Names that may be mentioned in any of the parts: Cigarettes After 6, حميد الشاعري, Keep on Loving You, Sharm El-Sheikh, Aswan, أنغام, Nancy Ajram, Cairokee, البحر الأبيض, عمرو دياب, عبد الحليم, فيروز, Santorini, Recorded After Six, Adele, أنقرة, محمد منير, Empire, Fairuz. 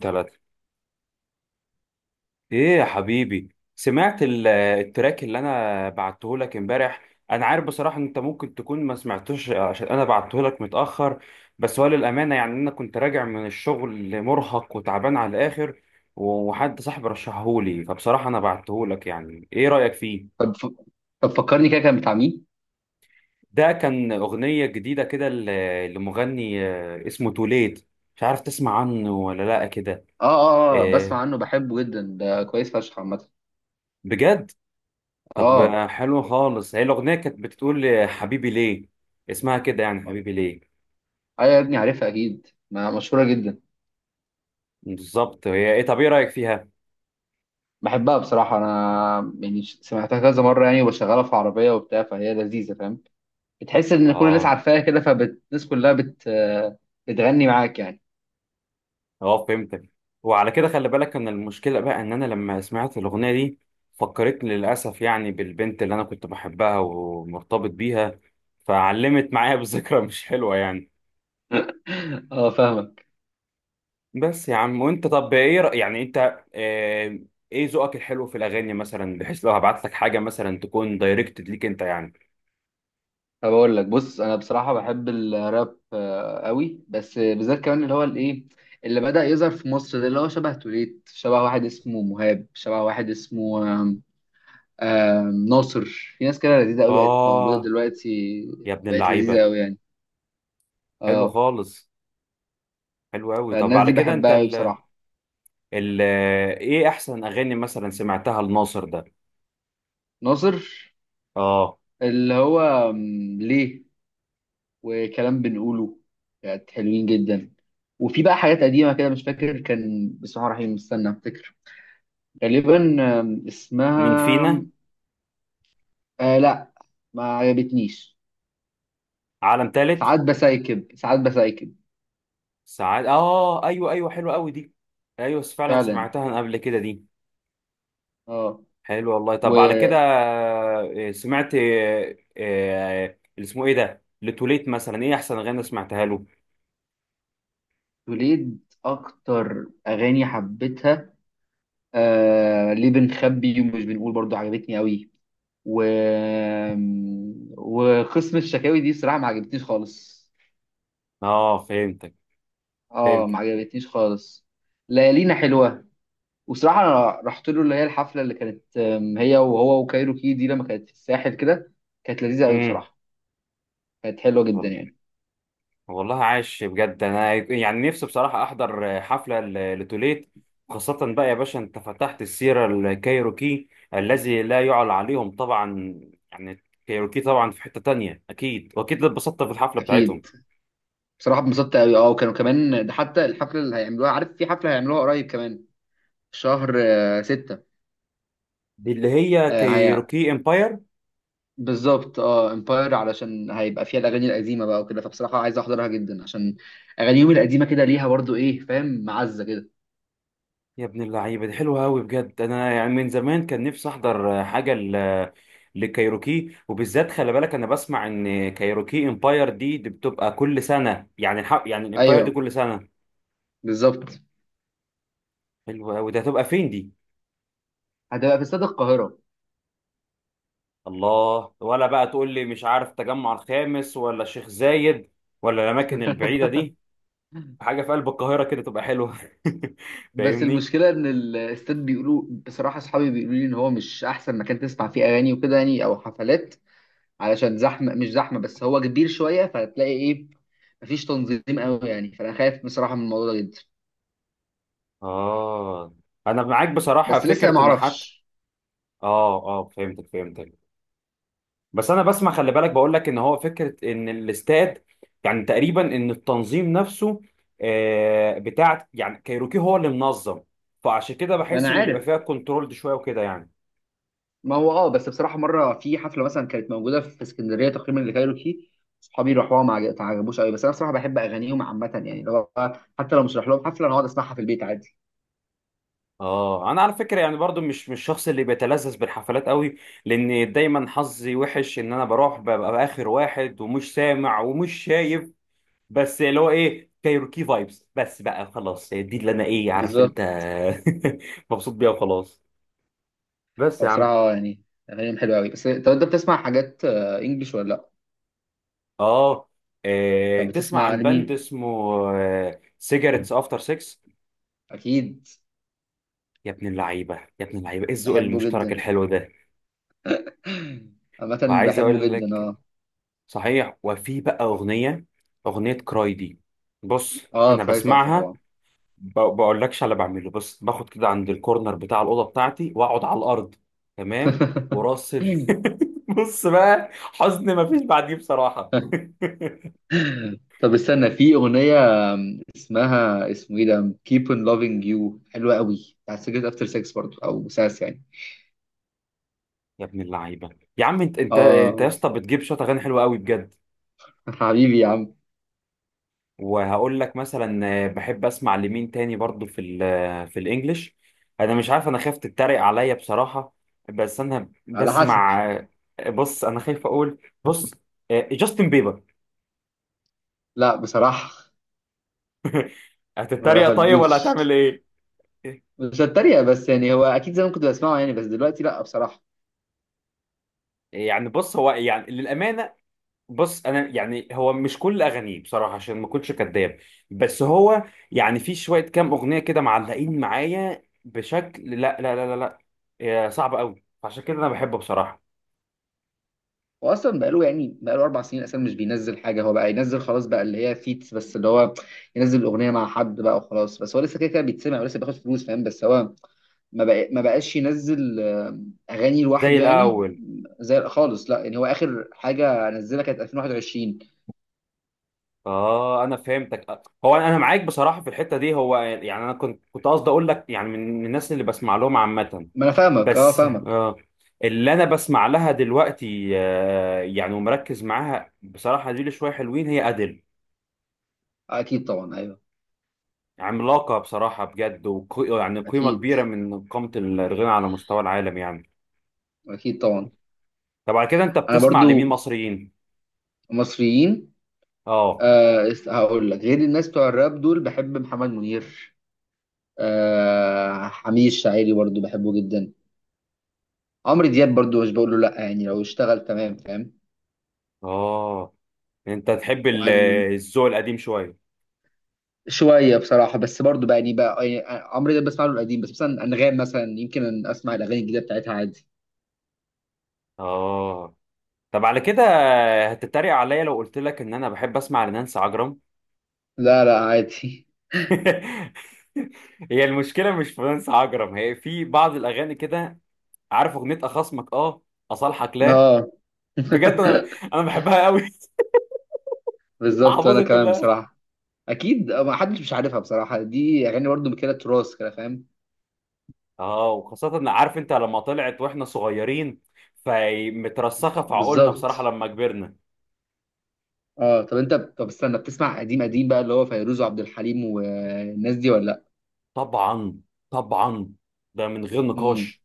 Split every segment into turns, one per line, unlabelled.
تلاتة. ايه يا حبيبي؟ سمعت التراك اللي انا بعته لك امبارح. انا عارف بصراحة ان انت ممكن تكون ما سمعتوش عشان انا بعته لك متأخر. بس هو للأمانة يعني انا كنت راجع من الشغل مرهق وتعبان على الاخر، وحد صاحبي رشحهولي، فبصراحة انا بعته لك. يعني ايه رأيك فيه؟
طب فكرني كده كان بتاع مين؟
ده كان أغنية جديدة كده لمغني، اسمه توليت. مش عارف تسمع عنه ولا لا كده.
اه بسمع
آه،
عنه، بحبه جدا، ده كويس فشخ عامة.
بجد. طب
اه،
حلو خالص. هي الأغنية كانت بتقول حبيبي ليه. اسمها كده يعني حبيبي ليه.
ايوه يا ابني، عارفها اكيد، ما مشهورة جدا.
بالظبط. هي ايه؟ طب ايه رأيك فيها؟
بحبها بصراحة، انا يعني سمعتها كذا مرة يعني، وبشغلها في عربية وبتاع، فهي لذيذة، فاهم؟ بتحس ان كل الناس
اه.
عارفاها كده، فالناس كلها بت آه، بتغني معاك يعني.
اه فهمتك. وعلى كده خلي بالك ان المشكلة بقى ان انا لما سمعت الأغنية دي فكرتني للأسف يعني بالبنت اللي انا كنت بحبها ومرتبط بيها، فعلمت معايا بذكرى مش حلوة يعني.
اه فاهمك.
بس يا عم وانت، طب ايه رأي يعني انت، آه، ايه ذوقك الحلو في الأغاني مثلا، بحيث لو هبعت لك حاجة مثلا تكون دايركتد ليك انت يعني.
طب اقول لك، بص انا بصراحه بحب الراب قوي، بس بالذات كمان اللي هو الايه اللي بدأ يظهر في مصر ده، اللي هو شبه توليت، شبه واحد اسمه مهاب، شبه واحد اسمه آم، آم، ناصر. في ناس كده لذيذه قوي بقت موجوده
اه
دلوقتي.
يا ابن
بقت لذيذه
اللعيبة.
قوي يعني.
حلو
اه.
خالص. حلو قوي. طب
فالناس
على
دي
كده انت
بحبها قوي
ال
بصراحه.
ال ايه احسن اغاني مثلا سمعتها لناصر ده؟
ناصر
اه.
اللي هو ليه، وكلام بنقوله، كانت حلوين جدا. وفي بقى حاجات قديمه كده مش فاكر، كان بسم الله الرحمن الرحيم، استنى افتكر، غالبا اسمها،
مين فينا؟
آه لا، ما عجبتنيش.
عالم تالت.
ساعات بسايكب
ساعات. اه ايوه ايوه حلو قوي دي. ايوه فعلا
فعلا.
سمعتها أنا قبل كده دي.
اه،
حلو والله. طب على كده سمعت اللي اسمه ايه ده لتوليت، مثلا ايه احسن اغاني سمعتها له؟
وتوليد اكتر اغاني حبيتها آه ليه بنخبي ومش بنقول، برضو عجبتني قوي. و آم، وقسم الشكاوي دي بصراحة ما عجبتنيش خالص.
اه فهمتك.
اه ما
فهمتك.
عجبتنيش خالص. ليالينا حلوة، وصراحة أنا رحت له اللي هي الحفلة اللي كانت هي وهو وكايروكي دي لما كانت في الساحل كده. كانت لذيذة قوي
امم
بصراحة. كانت حلوه جدا يعني.
والله عاش بجد. انا يعني نفسي بصراحه احضر حفله لتوليت، خاصه بقى يا باشا انت فتحت السيره. الكايروكي الذي لا يعلى عليهم طبعا. يعني كايروكي طبعا في حته تانية، اكيد واكيد اتبسطت في الحفله بتاعتهم.
اكيد. بصراحه اتبسطت قوي. اه، وكانوا كمان ده حتى الحفله اللي هيعملوها، عارف في حفله هيعملوها قريب كمان في شهر ستة.
دي اللي هي
آه هي،
كايروكي امباير.
بالظبط. اه امباير، علشان هيبقى فيها الاغاني القديمه بقى وكده، فبصراحه عايز احضرها جدا، عشان اغانيهم القديمه كده ليها برضو ايه، فاهم، معزه كده.
يا ابن اللعيبه، دي حلوه قوي بجد. انا يعني من زمان كان نفسي احضر حاجه لكايروكي. وبالذات خلي بالك انا بسمع ان كايروكي امباير دي بتبقى كل سنه يعني يعني الامباير دي
ايوه،
كل سنه.
بالظبط.
حلو قوي. ده هتبقى فين دي؟
هتبقى في استاد القاهره.
الله. ولا بقى تقول لي مش عارف تجمع الخامس ولا الشيخ زايد ولا الاماكن البعيده دي. حاجه في قلب القاهره كده تبقى حلوه.
بس
فاهمني.
المشكله ان الاستاد بيقولوا، بصراحه اصحابي بيقولوا لي ان هو مش احسن مكان تسمع فيه اغاني وكده يعني، او حفلات، علشان زحمه، مش زحمه بس هو كبير شويه، فهتلاقي ايه، مفيش تنظيم قوي يعني، فانا خايف بصراحه من الموضوع ده جدا.
اه انا معاك بصراحه.
بس لسه
فكره
ما
ان حتى.
اعرفش.
اه اه فهمتك فهمتك. بس انا بسمع، خلي بالك بقول لك ان هو فكره ان الاستاد، يعني تقريبا ان التنظيم نفسه بتاع يعني كايروكي هو اللي منظم، فعشان كده
ما
بحس
انا
ان بيبقى
عارف.
فيها كنترول شويه وكده يعني.
ما هو اه، بس بصراحه مره في حفله مثلا كانت موجوده في اسكندريه تقريبا اللي كايروكي، صحابي راحوها ما عجبوش قوي، بس انا بصراحه بحب اغانيهم عامه يعني، لو حتى لو مش رايح لهم حفله انا اقعد اسمعها في البيت عادي.
اه انا على فكره يعني برضو مش الشخص اللي بيتلذذ بالحفلات قوي، لان دايما حظي وحش ان انا بروح ببقى اخر واحد ومش سامع ومش شايف. بس اللي هو ايه، كايروكي فايبس بس بقى خلاص، دي اللي انا ايه عارف
بالظبط.
انت. مبسوط بيها وخلاص. بس يا عم.
فبصراحه يعني اغانيهم حلوه قوي. بس طب انت بتسمع حاجات انجلش ولا لا؟
اه.
طب
تسمع
بتسمع
عن باند
لمين؟
اسمه سيجارتس افتر 6؟
اكيد.
يا ابن اللعيبه يا ابن اللعيبه، ايه الذوق
بحبه
المشترك
جدا
الحلو ده.
عامة.
وعايز
بحبه
اقول
جدا
لك،
اه.
صحيح، وفي بقى أغنية، أغنية كراي دي. بص.
اه،
أنا
كراي تحفة
بسمعها.
طبعا.
بقولكش على بعمله بس، باخد كده عند الكورنر بتاع الأوضة بتاعتي وأقعد على الأرض. تمام. وراسل. بص بقى، حزن مفيش بعديه بصراحة.
طب استنى، في أغنية اسمها، اسمه ايه ده، Keep on Loving You، حلوة قوي، بتاعت سجلت افتر سكس برضه او ساس يعني.
يا ابن اللعيبة. يا عم أنت أنت أنت يا
اه.
اسطى، بتجيب شوية أغاني حلوة قوي بجد.
حبيبي يا عم.
وهقول لك مثلا، بحب اسمع لمين تاني برضو في ال آه، في الانجليش. انا مش عارف، انا خايف تتريق عليا بصراحة. بس انا
على حسب.
بسمع بص. انا خايف اقول. بص، جاستن بيبر.
لا بصراحة، ما
هتتريق طيب ولا
بحبوش.
هتعمل ايه؟
مش هتريق، بس يعني هو اكيد زمان كنت بسمعه يعني، بس دلوقتي لا بصراحة.
يعني بص هو يعني للأمانة. بص انا يعني هو مش كل اغانيه بصراحه عشان ما اكونش كداب. بس هو يعني في شويه كام اغنيه كده معلقين معايا بشكل لا لا لا لا لا. صعب قوي عشان كده انا بحبه بصراحه.
هو اصلا بقاله يعني، بقاله اربع سنين اصلا مش بينزل حاجه، هو بقى ينزل خلاص بقى اللي هي فيتس، بس اللي هو ينزل الاغنيه مع حد بقى وخلاص، بس هو لسه كده كده بيتسمع ولسه بياخد فلوس فاهم، بس هو ما بقاش ينزل اغاني
زي
لوحده يعني.
الاول.
زي خالص لا، يعني هو اخر حاجه نزلها كانت 2021.
اه انا فهمتك. هو انا، أنا معاك بصراحه في الحته دي، هو يعني انا كنت قصدي اقول لك يعني من الناس اللي بسمع لهم عامه.
ما انا فاهمك، اه
بس
فاهمك.
اللي انا بسمع لها دلوقتي يعني ومركز معاها بصراحه دي لي شويه حلوين، هي ادل.
اكيد طبعا، ايوه.
عملاقه بصراحه بجد، وقي يعني قيمه
اكيد،
كبيره من قامه الغنى على مستوى العالم يعني.
اكيد طبعا.
طب على كده انت
انا
بتسمع لمين
برضو.
مصريين؟
مصريين؟
اه.
آه هقول لك، غير الناس بتوع الراب دول، بحب محمد منير، آه حميد الشاعري برضو بحبه جدا، عمرو دياب برضو مش بقول له لا يعني لو اشتغل تمام، فاهم.
اه انت تحب ال-
وعن
الذوق القديم شويه.
شويه بصراحه، بس برضو بقى يعني عمرو دياب بسمع له القديم، بس مثلا انغام مثلا يمكن أن اسمع الاغاني الجديده بتاعتها عادي.
اه. طب على كده، هتتريق عليا لو قلت لك ان انا بحب اسمع لنانسي عجرم؟
لا لا عادي.
هي المشكله مش في نانسي عجرم، هي في بعض الاغاني كده. عارف اغنيه اخصمك؟ اه. اصالحك لا؟
اه.
بجد انا، انا بحبها قوي
بالظبط، وانا
حافظها
كمان
كلها.
بصراحه اكيد، ما حدش مش عارفها بصراحه، دي اغاني برضو كده تراث كده فاهم.
اه، وخاصه إن عارف انت لما طلعت واحنا صغيرين فمترسخه في عقولنا
بالظبط.
بصراحه لما كبرنا.
اه، طب انت، طب استنى، بتسمع قديم قديم بقى اللي هو فيروز وعبد الحليم والناس دي ولا لا؟
طبعا طبعا. ده من غير
امم.
نقاش.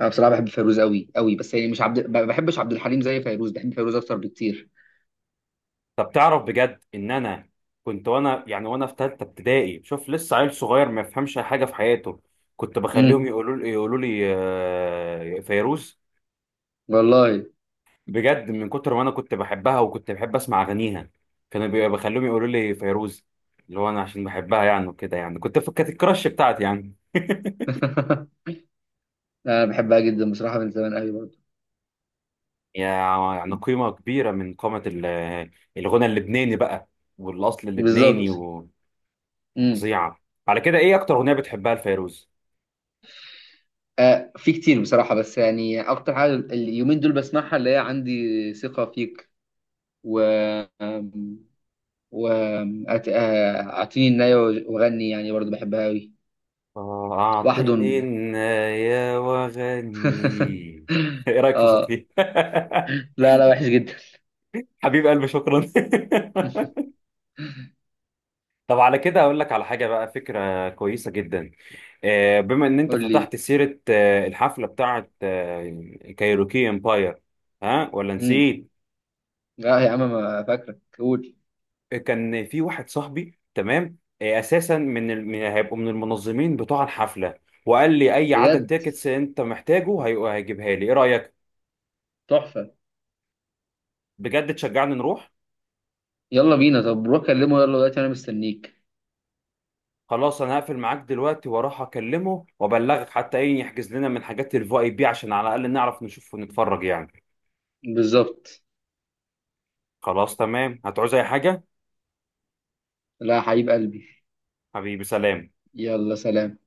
انا بصراحه بحب فيروز قوي قوي، بس يعني مش عبد، ما بحبش عبد الحليم زي فيروز، بحب فيروز اكتر بكتير.
طب تعرف بجد ان انا كنت وانا يعني وانا في ثالثه ابتدائي، شوف لسه عيل صغير ما يفهمش أي حاجه في حياته، كنت بخليهم
امم.
يقولوا لي فيروز.
والله.
بجد من كتر ما انا كنت بحبها وكنت بحب اسمع اغانيها كانوا بخليهم يقولوا لي فيروز، اللي هو انا عشان بحبها يعني وكده يعني. كنت كانت الكراش بتاعتي يعني.
انا بحبها جدا بصراحه من زمان قوي برضه.
يعني قيمه كبيره من قامه الغنى اللبناني بقى والاصل اللبناني.
بالظبط. امم.
وفظيعه. على كده ايه اكتر اغنيه بتحبها لفيروز؟
آه في كتير بصراحه، بس يعني اكتر حاجه اليومين دول بسمعها اللي هي عندي ثقه فيك، و آم، و آم، أت- آه، اعطيني النايه وغني يعني برضه بحبها قوي. وحد.
أعطني النايا وغني إيه رأيك في
اه
صوتي؟
لا لا، وحش جدا.
حبيب قلبي شكرا طب على كده أقول لك على حاجة بقى، فكرة كويسة جدا. بما إن أنت
قول لي.
فتحت سيرة الحفلة بتاعة كايروكي امباير. ها ولا
امم.
نسيت؟
لا يا عم ما فاكرك، قول.
كان في واحد صاحبي تمام أساسا من هيبقوا من المنظمين بتوع الحفلة، وقال لي أي عدد
بجد
تيكتس أنت محتاجه هيجيبها لي. إيه رأيك؟
تحفة.
بجد تشجعني نروح؟
يلا بينا، طب روح كلمه يلا دلوقتي انا مستنيك.
خلاص انا هقفل معاك دلوقتي واروح اكلمه وابلغك، حتى ايه، يحجز لنا من حاجات الفي اي بي عشان على الاقل نعرف نشوف ونتفرج يعني.
بالظبط.
خلاص تمام. هتعوز اي حاجة؟
لا يا حبيب قلبي.
حبيبي سلام.
يلا سلام.